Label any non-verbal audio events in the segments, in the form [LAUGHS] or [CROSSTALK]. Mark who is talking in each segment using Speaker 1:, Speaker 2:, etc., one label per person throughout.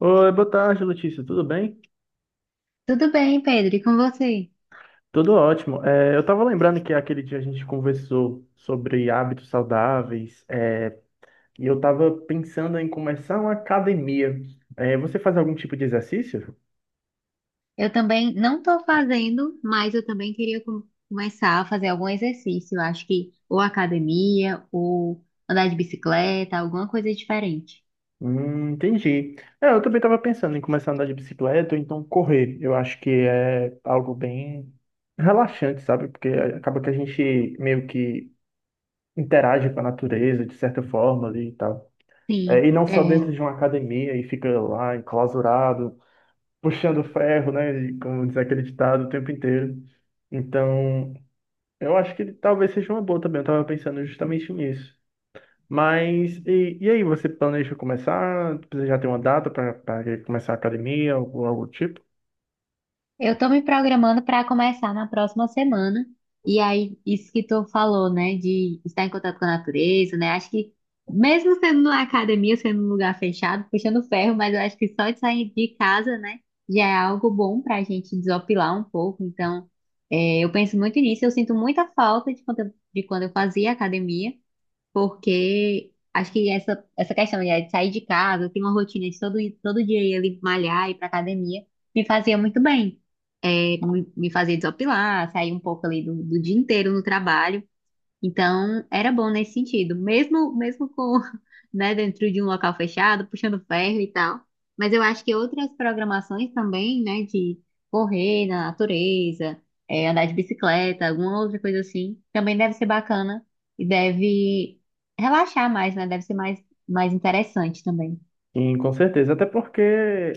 Speaker 1: Oi, boa tarde, Letícia. Tudo bem?
Speaker 2: Tudo bem, Pedro, e com você?
Speaker 1: Tudo ótimo. Eu estava lembrando que aquele dia a gente conversou sobre hábitos saudáveis, e eu estava pensando em começar uma academia. Você faz algum tipo de exercício?
Speaker 2: Eu também não estou fazendo, mas eu também queria começar a fazer algum exercício. Eu acho que ou academia, ou andar de bicicleta, alguma coisa diferente.
Speaker 1: Entendi. Eu também estava pensando em começar a andar de bicicleta ou então correr. Eu acho que é algo bem relaxante, sabe? Porque acaba que a gente meio que interage com a natureza de certa forma ali e tal. E
Speaker 2: Sim,
Speaker 1: não
Speaker 2: é.
Speaker 1: só dentro de uma academia e fica lá enclausurado, puxando ferro, né? Como diz aquele ditado o tempo inteiro. Então, eu acho que talvez seja uma boa também. Eu tava pensando justamente nisso. Mas, e aí, você planeja começar? Você já tem uma data para começar a academia ou algo do tipo?
Speaker 2: Eu tô me programando para começar na próxima semana. E aí, isso que tu falou, né, de estar em contato com a natureza, né? Acho que mesmo sendo na academia, sendo num lugar fechado, puxando ferro, mas eu acho que só de sair de casa, né, já é algo bom pra gente desopilar um pouco. Então, é, eu penso muito nisso. Eu sinto muita falta de de quando eu fazia academia. Porque acho que essa questão, né, de sair de casa, ter uma rotina de todo, todo dia ir ali malhar, ir pra academia, me fazia muito bem. É, me fazia desopilar, sair um pouco ali do, do dia inteiro no trabalho. Então, era bom nesse sentido, mesmo com, [LAUGHS] né, dentro de um local fechado, puxando ferro e tal. Mas eu acho que outras programações também, né, de correr na natureza, é, andar de bicicleta, alguma outra coisa assim, também deve ser bacana e deve relaxar mais, né? Deve ser mais interessante também.
Speaker 1: Sim, com certeza. Até porque,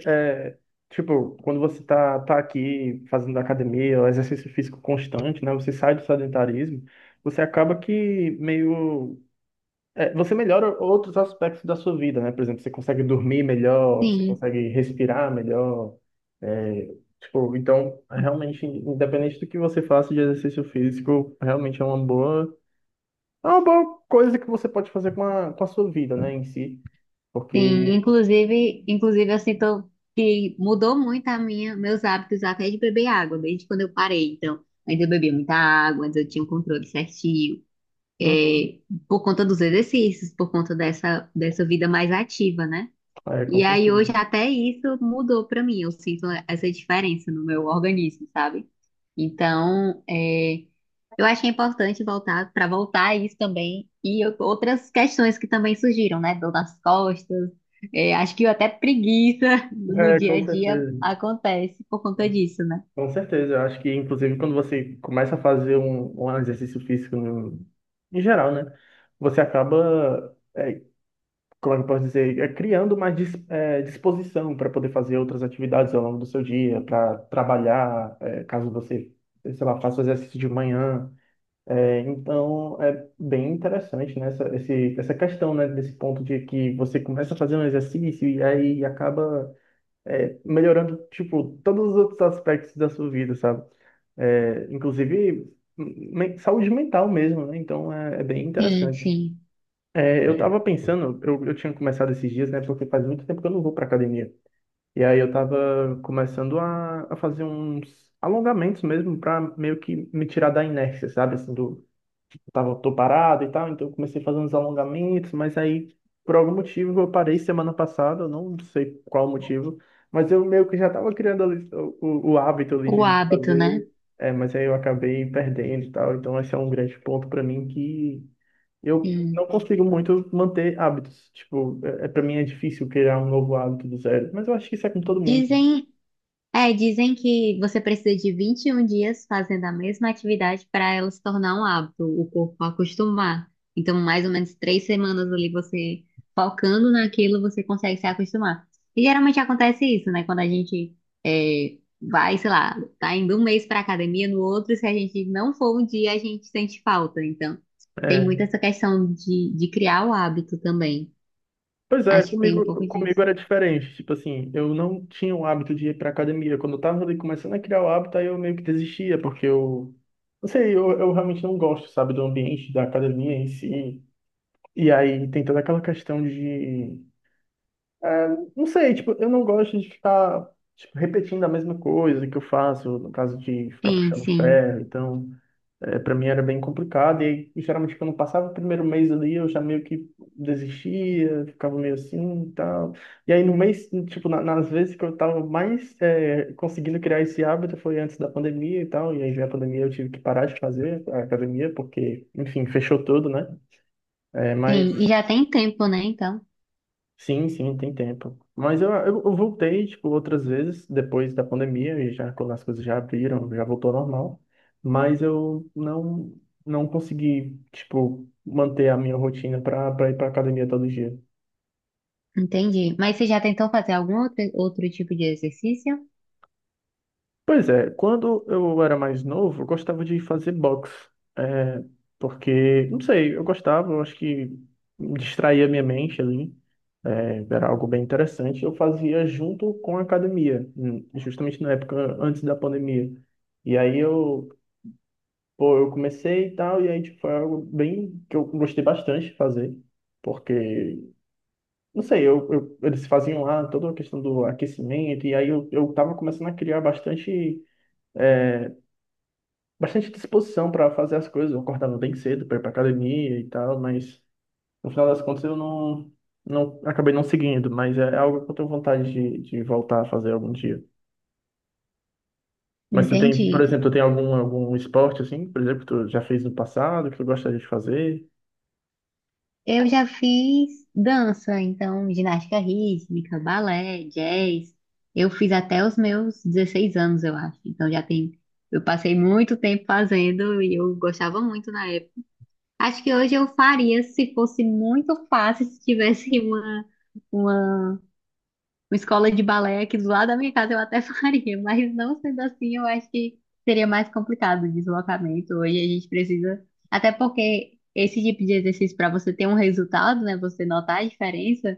Speaker 1: é, tipo, quando você tá aqui fazendo academia, o exercício físico constante, né? Você sai do sedentarismo, você acaba que meio você melhora outros aspectos da sua vida, né? Por exemplo, você consegue dormir melhor, você
Speaker 2: Sim,
Speaker 1: consegue respirar melhor. é, então, realmente, independente do que você faça de exercício físico, realmente é é uma boa coisa que você pode fazer com com a sua vida, né, em si.
Speaker 2: sim,
Speaker 1: Porque,
Speaker 2: inclusive eu sinto que mudou muito a meus hábitos até de beber água, desde quando eu parei. Então, antes eu bebia muita água, antes eu tinha um controle certinho,
Speaker 1: Uhum.
Speaker 2: é, por conta dos exercícios, por conta dessa vida mais ativa, né?
Speaker 1: Com
Speaker 2: E aí
Speaker 1: certeza.
Speaker 2: hoje até isso mudou pra mim. Eu sinto essa diferença no meu organismo, sabe? Então, é, eu achei importante voltar a isso também e eu- outras questões que também surgiram, né? Dor nas costas. É, acho que até preguiça [LAUGHS] no dia
Speaker 1: Com
Speaker 2: a dia
Speaker 1: certeza.
Speaker 2: acontece por conta disso, né?
Speaker 1: Com certeza. Eu acho que, inclusive, quando você começa a fazer um exercício físico em geral, né? Você acaba como é que eu posso dizer, criando mais disposição para poder fazer outras atividades ao longo do seu dia, para trabalhar, caso você, sei lá, faça o exercício de manhã. Então, é bem interessante, né, essa questão, né, desse ponto de que você começa a fazer um exercício e aí acaba melhorando, tipo, todos os outros aspectos da sua vida, sabe? Inclusive, saúde mental mesmo, né? Então, é bem
Speaker 2: Sim,
Speaker 1: interessante.
Speaker 2: sim.
Speaker 1: Eu tava pensando, eu tinha começado esses dias, né? Porque faz muito tempo que eu não vou pra academia. E aí eu tava começando a fazer uns alongamentos mesmo pra meio que me tirar da inércia, sabe? Assim, tô parado e tal, então eu comecei a fazer uns alongamentos, mas aí por algum motivo eu parei semana passada, eu não sei qual motivo, mas eu meio que já tava criando ali o hábito ali
Speaker 2: O
Speaker 1: de
Speaker 2: hábito, né?
Speaker 1: fazer, mas aí eu acabei perdendo e tal, então esse é um grande ponto pra mim que eu não
Speaker 2: Sim.
Speaker 1: consigo muito manter hábitos. Tipo, pra mim é difícil criar um novo hábito do zero. Mas eu acho que isso é com todo mundo, mano.
Speaker 2: Dizem É, dizem que você precisa de 21 dias fazendo a mesma atividade para ela se tornar um hábito, o corpo acostumar. Então, mais ou menos 3 semanas ali você focando naquilo, você consegue se acostumar. E geralmente acontece isso, né? Quando a gente é, vai, sei lá, tá indo um mês para academia, no outro, se a gente não for um dia, a gente sente falta. Então, tem muito
Speaker 1: É.
Speaker 2: essa questão de criar o hábito também.
Speaker 1: Pois é,
Speaker 2: Acho que tem um pouco disso.
Speaker 1: comigo era diferente. Tipo assim, eu não tinha o hábito de ir pra academia. Quando eu tava ali começando a criar o hábito, aí eu meio que desistia, porque eu. Não sei, eu realmente não gosto, sabe, do ambiente da academia em si. E aí tem toda aquela questão de. é, não sei, tipo, eu não gosto de ficar. Tipo, repetindo a mesma coisa que eu faço, no caso de ficar
Speaker 2: Sim,
Speaker 1: puxando
Speaker 2: sim,
Speaker 1: ferro, então. Para mim era bem complicado e geralmente quando passava o primeiro mês ali eu já meio que desistia, ficava meio assim e tal. E aí no mês, tipo, nas vezes que eu tava mais conseguindo criar esse hábito foi antes da pandemia e tal, e aí veio a pandemia eu tive que parar de fazer a academia porque, enfim, fechou tudo, né? é
Speaker 2: sim. E
Speaker 1: mas
Speaker 2: já tem tempo, né? Então.
Speaker 1: sim, sim, tem tempo. Mas eu voltei, tipo, outras vezes, depois da pandemia, e já quando as coisas já abriram, já voltou ao normal. Mas eu não, não consegui, tipo, manter a minha rotina para ir para academia todo dia.
Speaker 2: Entendi. Mas você já tentou fazer algum outro tipo de exercício?
Speaker 1: Pois é, quando eu era mais novo, eu gostava de fazer boxe. É, Porque, não sei, eu gostava, eu acho que distraía minha mente ali. Era algo bem interessante. Eu fazia junto com a academia, justamente na época antes da pandemia. E aí eu, pô, eu comecei e tal, e aí tipo, foi algo bem que eu gostei bastante de fazer, porque, não sei, eles faziam lá toda a questão do aquecimento, e aí eu tava começando a criar bastante é, bastante disposição para fazer as coisas. Eu acordava bem cedo para ir para academia e tal, mas no final das contas eu não, não acabei não seguindo. Mas é algo que eu tenho vontade de voltar a fazer algum dia. Mas tu tem, por
Speaker 2: Entendi.
Speaker 1: exemplo, tu tem algum esporte assim, por exemplo, que tu já fez no passado, que tu gostaria de fazer?
Speaker 2: Eu já fiz dança, então ginástica rítmica, balé, jazz. Eu fiz até os meus 16 anos, eu acho. Então já tem. Eu passei muito tempo fazendo e eu gostava muito na época. Acho que hoje eu faria se fosse muito fácil, se tivesse [LAUGHS] uma uma escola de balé aqui do lado da minha casa eu até [LAUGHS] faria, mas não sendo assim, eu acho que seria mais complicado o deslocamento. Hoje a gente precisa, até porque esse tipo de exercício, para você ter um resultado, né, você notar a diferença,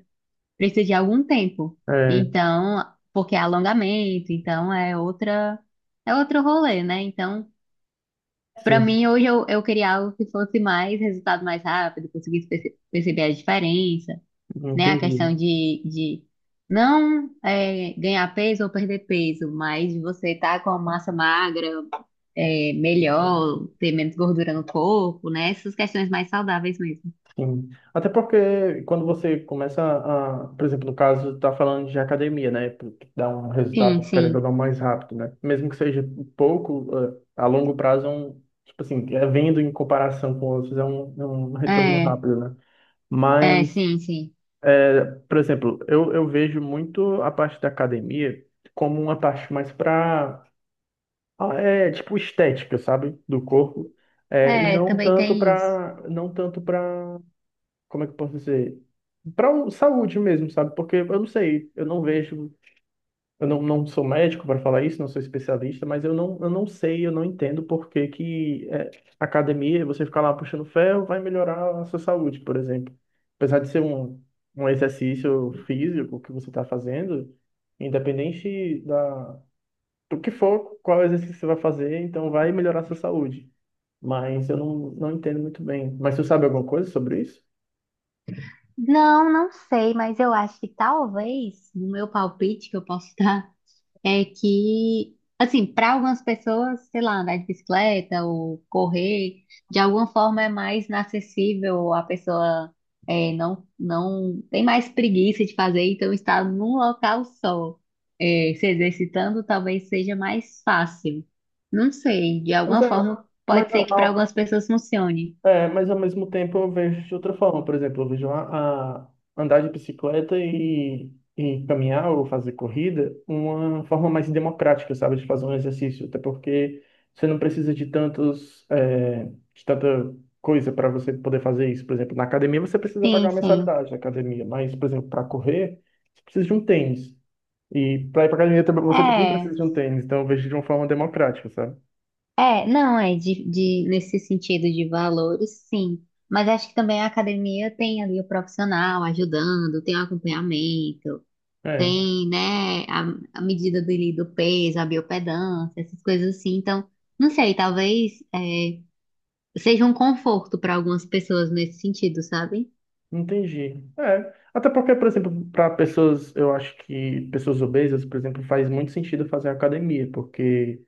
Speaker 2: precisa de algum tempo.
Speaker 1: É,
Speaker 2: Então, porque é alongamento, então é outro rolê, né? Então, para
Speaker 1: sim,
Speaker 2: mim, hoje eu queria algo que fosse mais resultado mais rápido, conseguisse perceber a diferença, né? A questão
Speaker 1: entendi.
Speaker 2: de não é, ganhar peso ou perder peso, mas você tá com a massa magra, é, melhor, ter menos gordura no corpo, né? Essas questões mais saudáveis mesmo.
Speaker 1: Sim. Até porque quando você começa a, por exemplo, no caso, tá falando de academia, né? Porque dá um
Speaker 2: Sim,
Speaker 1: resultado, querendo ou
Speaker 2: sim.
Speaker 1: não, mais rápido, né? Mesmo que seja pouco, a longo prazo, tipo assim, é vendo em comparação com outros, é um retorno
Speaker 2: É,
Speaker 1: rápido, né? Mas,
Speaker 2: sim, sim.
Speaker 1: por exemplo, eu vejo muito a parte da academia como uma parte mais para, tipo, estética, sabe? Do corpo. E
Speaker 2: É,
Speaker 1: não
Speaker 2: também
Speaker 1: tanto
Speaker 2: tem isso.
Speaker 1: para, não tanto para como é que eu posso dizer? Para saúde mesmo, sabe? Porque eu não sei, eu não vejo, eu não, não sou médico para falar isso, não sou especialista, mas eu não sei, eu não entendo por que que academia, você ficar lá puxando ferro, vai melhorar a sua saúde, por exemplo. Apesar de ser um exercício físico que você está fazendo, independente do que for, qual exercício você vai fazer, então vai melhorar a sua saúde. Mas eu não, não entendo muito bem. Mas você sabe alguma coisa sobre isso?
Speaker 2: Não, não sei, mas eu acho que talvez, no meu palpite que eu posso [LAUGHS] dar, é que, assim, para algumas pessoas, sei lá, andar de bicicleta ou correr, de alguma forma é mais inacessível, a pessoa é, não, não tem mais preguiça de fazer, então estar num local só, é, se exercitando, talvez seja mais fácil. Não sei, de
Speaker 1: Mas
Speaker 2: alguma
Speaker 1: é,
Speaker 2: forma
Speaker 1: mas
Speaker 2: pode ser que para
Speaker 1: a,
Speaker 2: algumas pessoas funcione.
Speaker 1: É, mas ao mesmo tempo eu vejo de outra forma. Por exemplo, eu vejo a andar de bicicleta e caminhar ou fazer corrida uma forma mais democrática, sabe, de fazer um exercício. Até porque você não precisa de tantos, de tanta coisa para você poder fazer isso. Por exemplo, na academia você precisa pagar
Speaker 2: Sim,
Speaker 1: uma
Speaker 2: sim.
Speaker 1: mensalidade da academia, mas, por exemplo, para correr, você precisa de um tênis. E para ir para academia também- você também precisa
Speaker 2: É.
Speaker 1: de um tênis. Então eu vejo de uma forma democrática, sabe?
Speaker 2: É, não, é nesse sentido de valores, sim. Mas acho que também a academia tem ali o profissional ajudando, tem o acompanhamento,
Speaker 1: É,
Speaker 2: tem, né, a medida do, do peso, a biopedância, essas coisas assim. Então, não sei, talvez seja um conforto para algumas pessoas nesse sentido, sabe?
Speaker 1: Entendi. É. Até porque, por exemplo, para pessoas, eu acho que pessoas obesas, por exemplo, faz muito sentido fazer academia, porque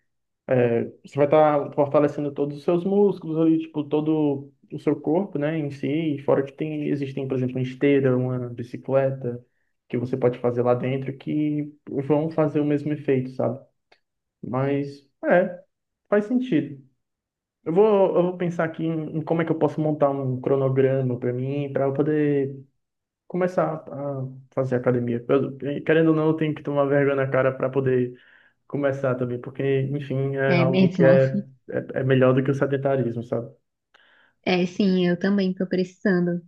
Speaker 1: você vai estar fortalecendo todos os seus músculos ali, tipo, todo o seu corpo, né, em si, e fora que tem, existem, por exemplo, uma esteira, uma bicicleta, que você pode fazer lá dentro, que vão fazer o mesmo efeito, sabe? Mas, é, Faz sentido. Eu vou pensar aqui em como é que eu posso montar um cronograma para mim, para eu poder começar a fazer academia. Querendo ou não, eu tenho que tomar vergonha na cara para poder começar também, porque, enfim, é
Speaker 2: É
Speaker 1: algo que
Speaker 2: mesmo. [LAUGHS]
Speaker 1: é melhor do que o sedentarismo, sabe?
Speaker 2: É, sim, eu também tô precisando.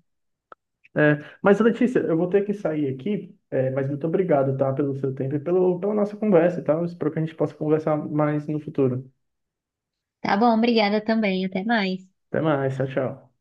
Speaker 1: Mas, Letícia, eu vou ter que sair aqui, mas muito obrigado, tá, pelo seu tempo e pelo, pela nossa conversa, tá? Eu espero que a gente possa conversar mais no futuro.
Speaker 2: Tá bom, obrigada também, até mais.
Speaker 1: Até mais, tchau, tchau.